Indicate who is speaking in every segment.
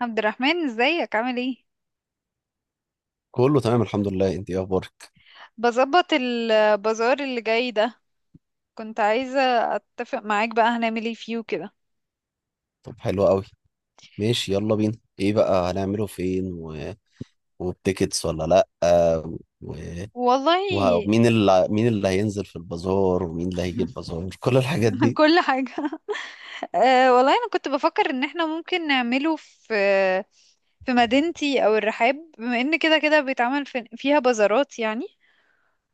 Speaker 1: عبد الرحمن، ازيك؟ عامل ايه؟
Speaker 2: كله تمام، الحمد لله. انت ايه اخبارك؟
Speaker 1: بظبط، البازار اللي جاي ده، كنت عايزة اتفق معاك بقى هنعمل ايه فيه كده.
Speaker 2: طب حلو قوي. ماشي، يلا بينا. ايه بقى هنعمله فين وبتيكتس ولا لا؟ و...
Speaker 1: والله.
Speaker 2: ومين اللي هينزل في البازار، ومين اللي هيجي البازار؟ كل الحاجات دي.
Speaker 1: كل حاجة. أه، والله انا كنت بفكر ان احنا ممكن نعمله في مدينتي او الرحاب، بما ان كده كده بيتعمل فيها بازارات يعني.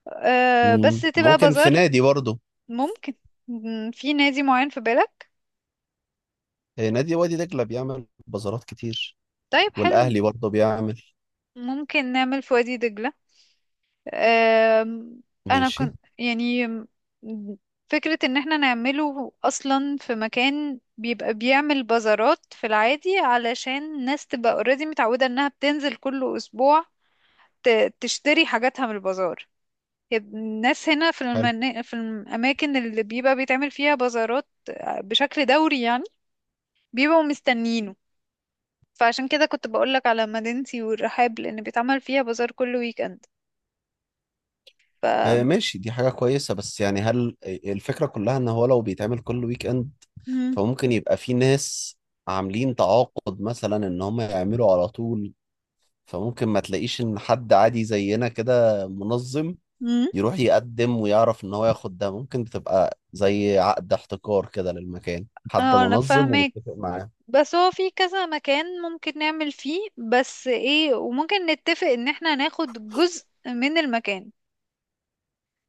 Speaker 1: أه، بس
Speaker 2: مم.
Speaker 1: تبقى
Speaker 2: ممكن في
Speaker 1: بازار.
Speaker 2: نادي برضه.
Speaker 1: ممكن. في نادي معين في بالك؟
Speaker 2: اه، نادي وادي دجلة بيعمل بازارات كتير.
Speaker 1: طيب، حلو.
Speaker 2: والاهلي برضه بيعمل.
Speaker 1: ممكن نعمل في وادي دجلة. آم، انا
Speaker 2: ماشي.
Speaker 1: كنت يعني فكرة ان احنا نعمله اصلا في مكان بيبقى بيعمل بازارات في العادي علشان الناس تبقى اوريدي متعودة انها بتنزل كل اسبوع. تشتري حاجاتها من البازار. الناس هنا
Speaker 2: حلو.
Speaker 1: في الاماكن اللي بيبقى بيتعمل فيها بازارات بشكل دوري يعني، بيبقوا مستنينه. فعشان كده كنت بقولك على مدينتي والرحاب لان بيتعمل فيها بازار كل ويك اند. ف
Speaker 2: اه ماشي، دي حاجة كويسة بس يعني هل الفكرة كلها ان هو لو بيتعمل كل ويك اند
Speaker 1: مم.
Speaker 2: فممكن يبقى في ناس عاملين تعاقد مثلا ان هم يعملوا على طول، فممكن ما تلاقيش ان حد عادي زينا كده منظم
Speaker 1: مم.
Speaker 2: يروح يقدم ويعرف ان هو ياخد ده. ممكن بتبقى زي عقد احتكار كده للمكان، حد
Speaker 1: اه، انا
Speaker 2: منظم
Speaker 1: فاهمك.
Speaker 2: ومتفق معاه.
Speaker 1: بس هو في كذا مكان ممكن نعمل فيه بس ايه، وممكن نتفق ان احنا ناخد جزء من المكان،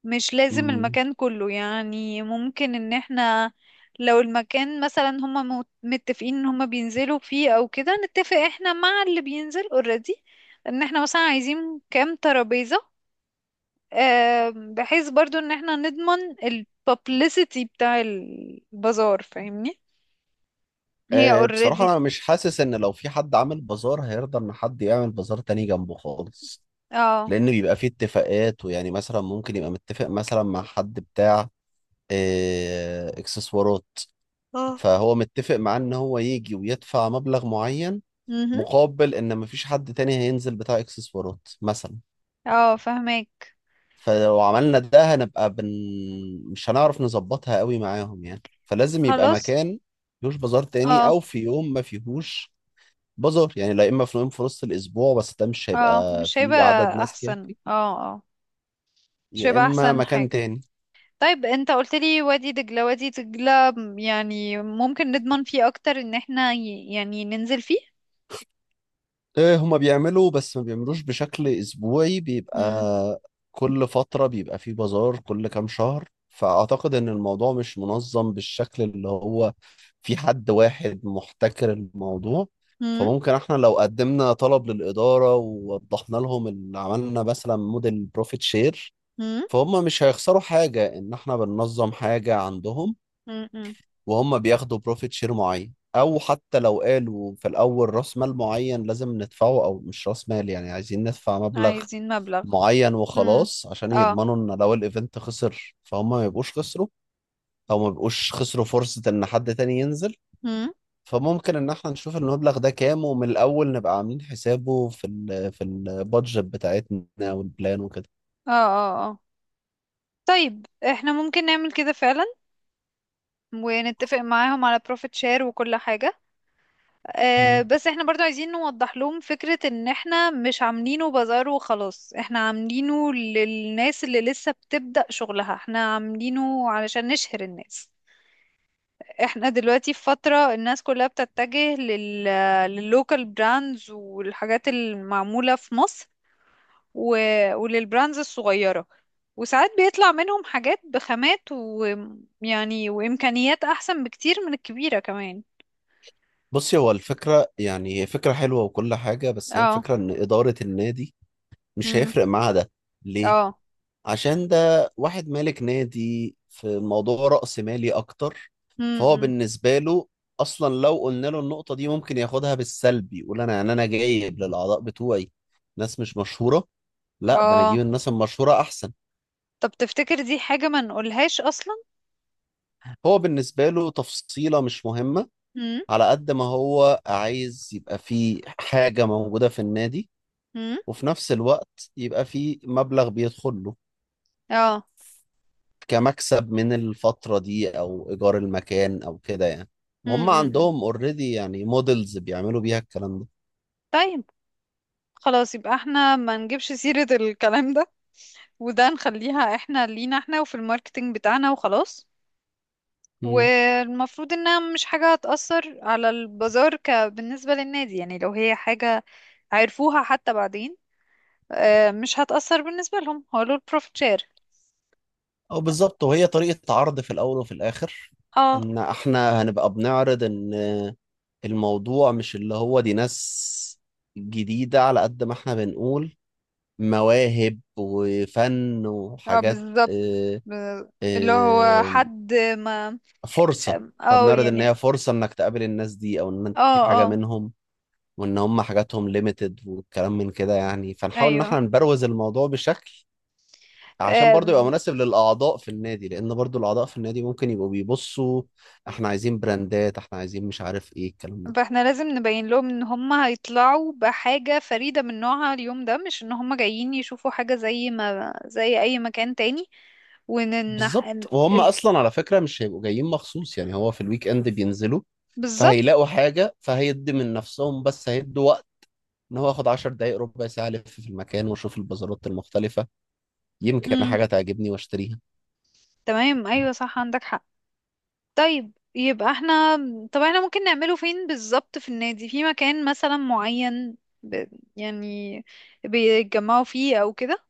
Speaker 1: مش لازم
Speaker 2: مم.
Speaker 1: المكان كله، يعني ممكن ان احنا لو المكان مثلا هما متفقين ان هما بينزلوا فيه او كده، نتفق احنا مع اللي بينزل اوريدي ان احنا مثلا عايزين كام ترابيزة، بحيث برضو ان احنا نضمن البابليسيتي بتاع البازار، فاهمني؟ هي
Speaker 2: أه، بصراحة
Speaker 1: اوريدي.
Speaker 2: أنا مش حاسس إن لو في حد عامل بازار هيرضى إن حد يعمل بازار تاني جنبه خالص،
Speaker 1: اه،
Speaker 2: لأن بيبقى فيه اتفاقات ويعني مثلا ممكن يبقى متفق مثلا مع حد بتاع إكسسوارات،
Speaker 1: اه.
Speaker 2: فهو متفق معاه ان هو يجي ويدفع مبلغ معين
Speaker 1: مهم.
Speaker 2: مقابل ان مفيش حد تاني هينزل بتاع اكسسوارات مثلا.
Speaker 1: اه، فهمك.
Speaker 2: فلو عملنا ده هنبقى مش هنعرف نظبطها قوي معاهم يعني، فلازم يبقى
Speaker 1: خلاص.
Speaker 2: مكان مفيهوش بازار تاني او
Speaker 1: اه،
Speaker 2: في يوم ما فيهوش بازار يعني، لا اما في يوم في نص الاسبوع، بس ده مش
Speaker 1: اه،
Speaker 2: هيبقى
Speaker 1: مش
Speaker 2: فيه
Speaker 1: هيبقى
Speaker 2: عدد ناس
Speaker 1: احسن،
Speaker 2: كافي
Speaker 1: اه. اه، مش
Speaker 2: يا
Speaker 1: هيبقى
Speaker 2: اما
Speaker 1: احسن
Speaker 2: مكان
Speaker 1: حاجة.
Speaker 2: تاني.
Speaker 1: طيب، انت قلت لي وادي دجلة وادي دجلة، يعني ممكن نضمن فيه اكتر ان احنا يعني ننزل فيه.
Speaker 2: إيه، هما بيعملوا بس ما بيعملوش بشكل أسبوعي،
Speaker 1: مم.
Speaker 2: بيبقى كل فترة بيبقى فيه بازار كل كام شهر، فأعتقد إن الموضوع مش منظم بالشكل اللي هو في حد واحد محتكر الموضوع.
Speaker 1: مم.
Speaker 2: فممكن احنا لو قدمنا طلب للإدارة ووضحنا لهم اللي عملنا مثلا موديل بروفيت شير،
Speaker 1: مم.
Speaker 2: فهم مش هيخسروا حاجة إن احنا بننظم حاجة عندهم،
Speaker 1: مم. مم.
Speaker 2: وهم بياخدوا بروفيت شير معين، او حتى لو قالوا في الاول راس مال معين لازم ندفعه، او مش راس مال يعني عايزين ندفع مبلغ
Speaker 1: عايزين مبلغ.
Speaker 2: معين
Speaker 1: مم.
Speaker 2: وخلاص عشان
Speaker 1: اه.
Speaker 2: يضمنوا ان لو الايفنت خسر فهم ما يبقوش خسروا، او ما يبقوش خسروا فرصة ان حد تاني ينزل.
Speaker 1: مم.
Speaker 2: فممكن ان احنا نشوف المبلغ ده كام ومن الاول نبقى عاملين حسابه في ال في البادجت بتاعتنا والبلان وكده.
Speaker 1: اه، اه، اه. طيب، احنا ممكن نعمل كده فعلا، ونتفق معاهم على بروفيت شير وكل حاجة.
Speaker 2: مم.
Speaker 1: بس احنا برضو عايزين نوضح لهم فكرة ان احنا مش عاملينه بازار وخلاص، احنا عاملينه للناس اللي لسه بتبدأ شغلها، احنا عاملينه علشان نشهر الناس. احنا دلوقتي في فترة الناس كلها بتتجه لللوكال براندز والحاجات المعمولة في مصر، و... وللبراندز الصغيرة، وساعات بيطلع منهم حاجات بخامات، ويعني، وإمكانيات أحسن بكتير من الكبيرة كمان.
Speaker 2: بصي، هو الفكرة يعني هي فكرة حلوة وكل حاجة، بس هي
Speaker 1: اه.
Speaker 2: الفكرة إن إدارة النادي مش
Speaker 1: مم.
Speaker 2: هيفرق معاها ده. ليه؟
Speaker 1: اه.
Speaker 2: عشان ده واحد مالك نادي في موضوع رأس مالي أكتر، فهو
Speaker 1: مم.
Speaker 2: بالنسبة له أصلا لو قلنا له النقطة دي ممكن ياخدها بالسلب، يقول أنا جايب للأعضاء بتوعي ناس مش مشهورة؟ لا، ده أنا أجيب
Speaker 1: اه.
Speaker 2: الناس المشهورة أحسن.
Speaker 1: طب تفتكر دي حاجة ما نقولهاش اصلا؟
Speaker 2: هو بالنسبة له تفصيلة مش مهمة،
Speaker 1: امم.
Speaker 2: على قد ما هو عايز يبقى فيه حاجة موجودة في النادي
Speaker 1: امم.
Speaker 2: وفي نفس الوقت يبقى فيه مبلغ بيدخل له
Speaker 1: اه.
Speaker 2: كمكسب من الفترة دي أو إيجار المكان أو كده يعني، وهم
Speaker 1: امم.
Speaker 2: عندهم اوريدي يعني موديلز بيعملوا بيها الكلام ده.
Speaker 1: طيب، خلاص، يبقى احنا ما نجيبش سيرة الكلام ده، وده نخليها احنا لينا احنا وفي الماركتينج بتاعنا وخلاص.
Speaker 2: مم.
Speaker 1: والمفروض انها مش حاجة هتأثر على البازار بالنسبة للنادي، يعني لو هي حاجة عرفوها حتى بعدين، مش هتأثر بالنسبة لهم، هو له البروفيت شير.
Speaker 2: أو بالظبط، وهي طريقة عرض في الأول وفي الآخر
Speaker 1: اه،
Speaker 2: إن إحنا هنبقى بنعرض إن الموضوع مش اللي هو دي ناس جديدة، على قد ما إحنا بنقول مواهب وفن
Speaker 1: اه،
Speaker 2: وحاجات.
Speaker 1: بالظبط.
Speaker 2: آه،
Speaker 1: ب- اللي هو
Speaker 2: آه،
Speaker 1: حد ما،
Speaker 2: فرصة، إحنا
Speaker 1: او
Speaker 2: بنعرض إن
Speaker 1: يعني،
Speaker 2: هي فرصة إنك تقابل الناس دي أو إن أنت
Speaker 1: اه،
Speaker 2: تجيب حاجة
Speaker 1: اه،
Speaker 2: منهم، وان هم حاجاتهم ليميتد والكلام من كده يعني، فنحاول ان
Speaker 1: ايوه.
Speaker 2: احنا نبروز الموضوع بشكل عشان برضو يبقى
Speaker 1: آم،
Speaker 2: مناسب للاعضاء في النادي، لان برضو الاعضاء في النادي ممكن يبقوا بيبصوا احنا عايزين براندات، احنا عايزين مش عارف ايه الكلام ده.
Speaker 1: فاحنا لازم نبين لهم ان هم هيطلعوا بحاجة فريدة من نوعها اليوم ده، مش ان هم جايين يشوفوا حاجة زي ما زي اي مكان تاني، وان إن
Speaker 2: بالظبط،
Speaker 1: ال...
Speaker 2: وهم
Speaker 1: ال...
Speaker 2: اصلا على فكرة مش هيبقوا جايين مخصوص يعني، هو في الويك اند بينزلوا
Speaker 1: بالظبط.
Speaker 2: فهيلاقوا حاجة، فهيدي من نفسهم بس هيدوا وقت ان هو ياخد 10 دقايق ربع ساعة الف في المكان واشوف البازارات المختلفة، يمكن
Speaker 1: مم.
Speaker 2: حاجة تعجبني واشتريها.
Speaker 1: تمام، ايوه، صح، عندك حق. طيب، يبقى احنا، طب احنا ممكن نعمله فين بالظبط في النادي، في مكان مثلا معين، ب... يعني بيتجمعوا فيه او كده؟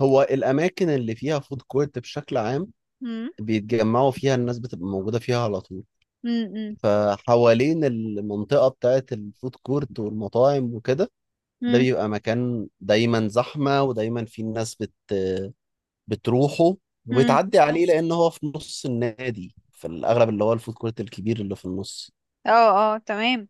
Speaker 2: هو الاماكن اللي فيها فود كورت بشكل عام
Speaker 1: مم.
Speaker 2: بيتجمعوا فيها، الناس بتبقى موجودة فيها على طول،
Speaker 1: مم. مم.
Speaker 2: فحوالين المنطقة بتاعة الفود كورت والمطاعم وكده، ده
Speaker 1: مم.
Speaker 2: بيبقى مكان دايما زحمة ودايما في الناس بتروحه
Speaker 1: مم.
Speaker 2: وبتعدي عليه، لأن هو في نص النادي في الأغلب اللي هو الفود كورت الكبير اللي في النص.
Speaker 1: اه، اه، تمام.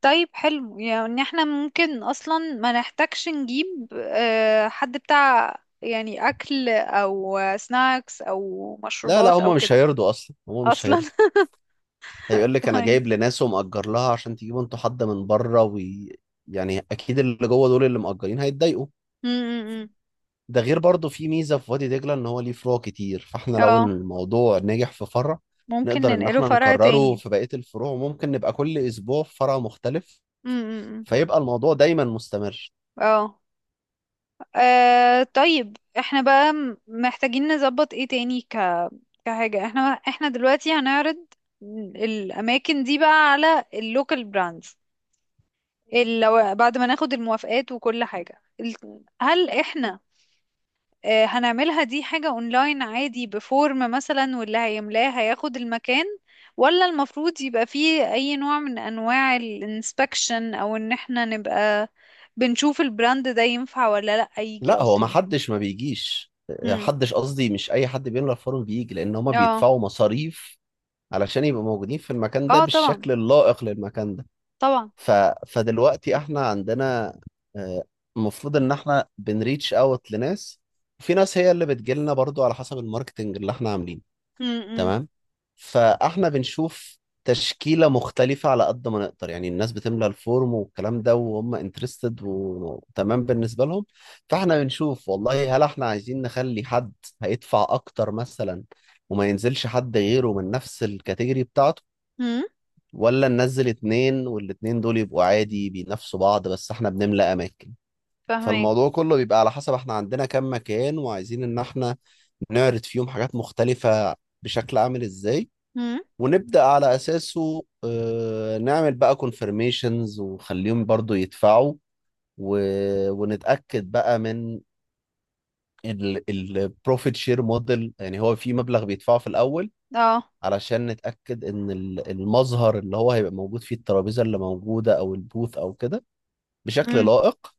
Speaker 1: طيب، حلو، يعني احنا ممكن اصلا ما نحتاجش نجيب حد بتاع يعني اكل او سناكس او
Speaker 2: لا لا،
Speaker 1: مشروبات او
Speaker 2: هما مش
Speaker 1: كده.
Speaker 2: هيرضوا أصلا، هما مش
Speaker 1: اصلا.
Speaker 2: هيرضوا. هيقول لك أنا
Speaker 1: طيب.
Speaker 2: جايب لناس ومأجر لها عشان تجيبوا انتوا حد من بره يعني أكيد اللي جوه دول اللي مأجرين هيتضايقوا.
Speaker 1: م- م- م.
Speaker 2: ده غير برضه في ميزه في وادي دجله ان هو ليه فروع كتير، فاحنا لو
Speaker 1: اه.
Speaker 2: الموضوع نجح في فرع
Speaker 1: ممكن
Speaker 2: نقدر ان
Speaker 1: ننقله
Speaker 2: احنا
Speaker 1: فرع
Speaker 2: نكرره
Speaker 1: تاني.
Speaker 2: في بقيه الفروع، ممكن نبقى كل اسبوع في فرع مختلف
Speaker 1: م- م- م.
Speaker 2: فيبقى الموضوع دايما مستمر.
Speaker 1: اه. طيب، احنا بقى محتاجين نظبط ايه تاني كحاجة، احنا دلوقتي هنعرض الاماكن دي بقى على اللوكال براندز، لو بعد ما ناخد الموافقات وكل حاجة هل احنا هنعملها دي حاجة اونلاين عادي بفورم مثلا، واللي هيملاه هياخد المكان؟ ولا المفروض يبقى فيه اي نوع من انواع الانسبكشن، او ان احنا نبقى بنشوف البراند ده ينفع ولا لا يجي
Speaker 2: لا هو ما
Speaker 1: اصلا؟
Speaker 2: حدش ما بيجيش
Speaker 1: امم.
Speaker 2: حدش قصدي، مش اي حد بيملى فورم بيجي، لان هما
Speaker 1: اه،
Speaker 2: بيدفعوا مصاريف علشان يبقوا موجودين في المكان ده
Speaker 1: اه، طبعا،
Speaker 2: بالشكل اللائق للمكان ده.
Speaker 1: طبعا.
Speaker 2: ف... فدلوقتي احنا عندنا آه، المفروض ان احنا بنريتش اوت لناس، وفي ناس هي اللي بتجيلنا برضو على حسب الماركتنج اللي احنا عاملينه.
Speaker 1: امم.
Speaker 2: تمام. فاحنا بنشوف تشكيلة مختلفة على قد ما نقدر يعني، الناس بتملى الفورم والكلام ده وهم انترستد وتمام بالنسبة لهم، فاحنا بنشوف والله هل احنا عايزين نخلي حد هيدفع اكتر مثلا وما ينزلش حد غيره من نفس الكاتيجوري بتاعته،
Speaker 1: امم.
Speaker 2: ولا ننزل اتنين والاتنين دول يبقوا عادي بينافسوا بعض بس احنا بنملى اماكن.
Speaker 1: فاهمك.
Speaker 2: فالموضوع كله بيبقى على حسب احنا عندنا كام مكان وعايزين ان احنا نعرض فيهم حاجات مختلفة بشكل عامل ازاي،
Speaker 1: امم.
Speaker 2: ونبدأ على اساسه نعمل بقى كونفirmations ونخليهم برضو يدفعوا و... ونتأكد بقى من البروفيت شير موديل. يعني هو في مبلغ بيدفعه في الاول
Speaker 1: اه.
Speaker 2: علشان نتأكد إن المظهر اللي هو هيبقى موجود فيه، الترابيزة اللي موجودة أو البوث أو كده بشكل
Speaker 1: امم.
Speaker 2: لائق،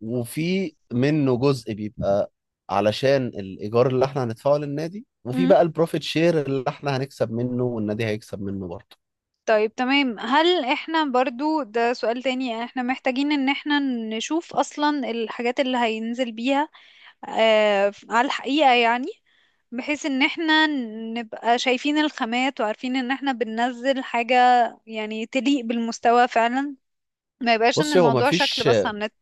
Speaker 2: وفي منه جزء بيبقى علشان الإيجار اللي إحنا هندفعه للنادي، وفي
Speaker 1: امم.
Speaker 2: بقى البروفيت شير اللي إحنا هنكسب منه والنادي هيكسب منه برضه.
Speaker 1: طيب، تمام. هل احنا برضو، ده سؤال تاني، يعني احنا محتاجين ان احنا نشوف اصلا الحاجات اللي هينزل بيها على الحقيقة يعني، بحيث ان احنا نبقى شايفين الخامات وعارفين ان احنا بننزل حاجة يعني تليق بالمستوى فعلا، ما يبقاش ان
Speaker 2: بصي، هو
Speaker 1: الموضوع شكل
Speaker 2: مفيش
Speaker 1: بس على النت؟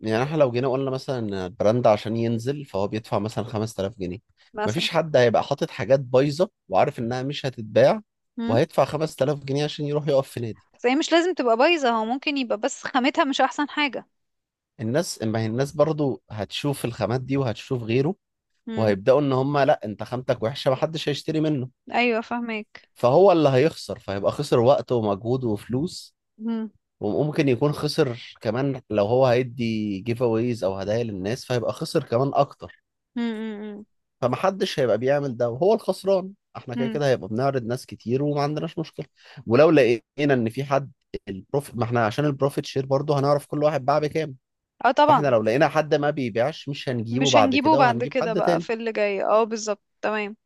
Speaker 2: يعني، إحنا لو جينا قلنا مثلا إن البراند عشان ينزل فهو بيدفع مثلا 5000 جنيه،
Speaker 1: مثلا.
Speaker 2: مفيش حد هيبقى حاطط حاجات بايظة وعارف إنها مش هتتباع
Speaker 1: امم.
Speaker 2: وهيدفع 5000 جنيه عشان يروح يقف في نادي.
Speaker 1: بس هي مش لازم تبقى بايظة، هو ممكن يبقى بس خامتها مش احسن حاجة.
Speaker 2: ما هي الناس برضو هتشوف الخامات دي وهتشوف غيره،
Speaker 1: امم.
Speaker 2: وهيبدأوا ان هم لا انت خامتك وحشة محدش هيشتري منه،
Speaker 1: ايوه، فاهمك.
Speaker 2: فهو اللي هيخسر، فهيبقى خسر وقت ومجهود وفلوس،
Speaker 1: امم.
Speaker 2: وممكن يكون خسر كمان لو هو هيدي جيف اويز او هدايا للناس فهيبقى خسر كمان اكتر.
Speaker 1: امم.
Speaker 2: فمحدش هيبقى بيعمل ده وهو الخسران. احنا كده
Speaker 1: امم.
Speaker 2: كده هيبقى بنعرض ناس كتير وما عندناش مشكلة، ولو لقينا ان في حد ما احنا عشان البروفيت شير برضو هنعرف كل واحد باع بكام،
Speaker 1: اه،
Speaker 2: فاحنا
Speaker 1: طبعا.
Speaker 2: لو لقينا حد ما بيبيعش مش هنجيبه
Speaker 1: مش
Speaker 2: بعد
Speaker 1: هنجيبه
Speaker 2: كده
Speaker 1: بعد
Speaker 2: وهنجيب
Speaker 1: كده
Speaker 2: حد
Speaker 1: بقى
Speaker 2: تاني.
Speaker 1: في اللي جاي، اه، بالظبط، تمام.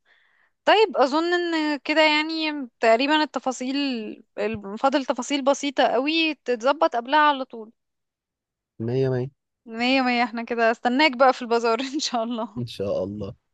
Speaker 1: طيب، اظن ان كده يعني تقريبا التفاصيل، فاضل تفاصيل بسيطة قوي تتظبط قبلها على طول.
Speaker 2: مية مية.
Speaker 1: مية مية. احنا كده استناك بقى في البازار. ان شاء الله.
Speaker 2: ان شاء الله.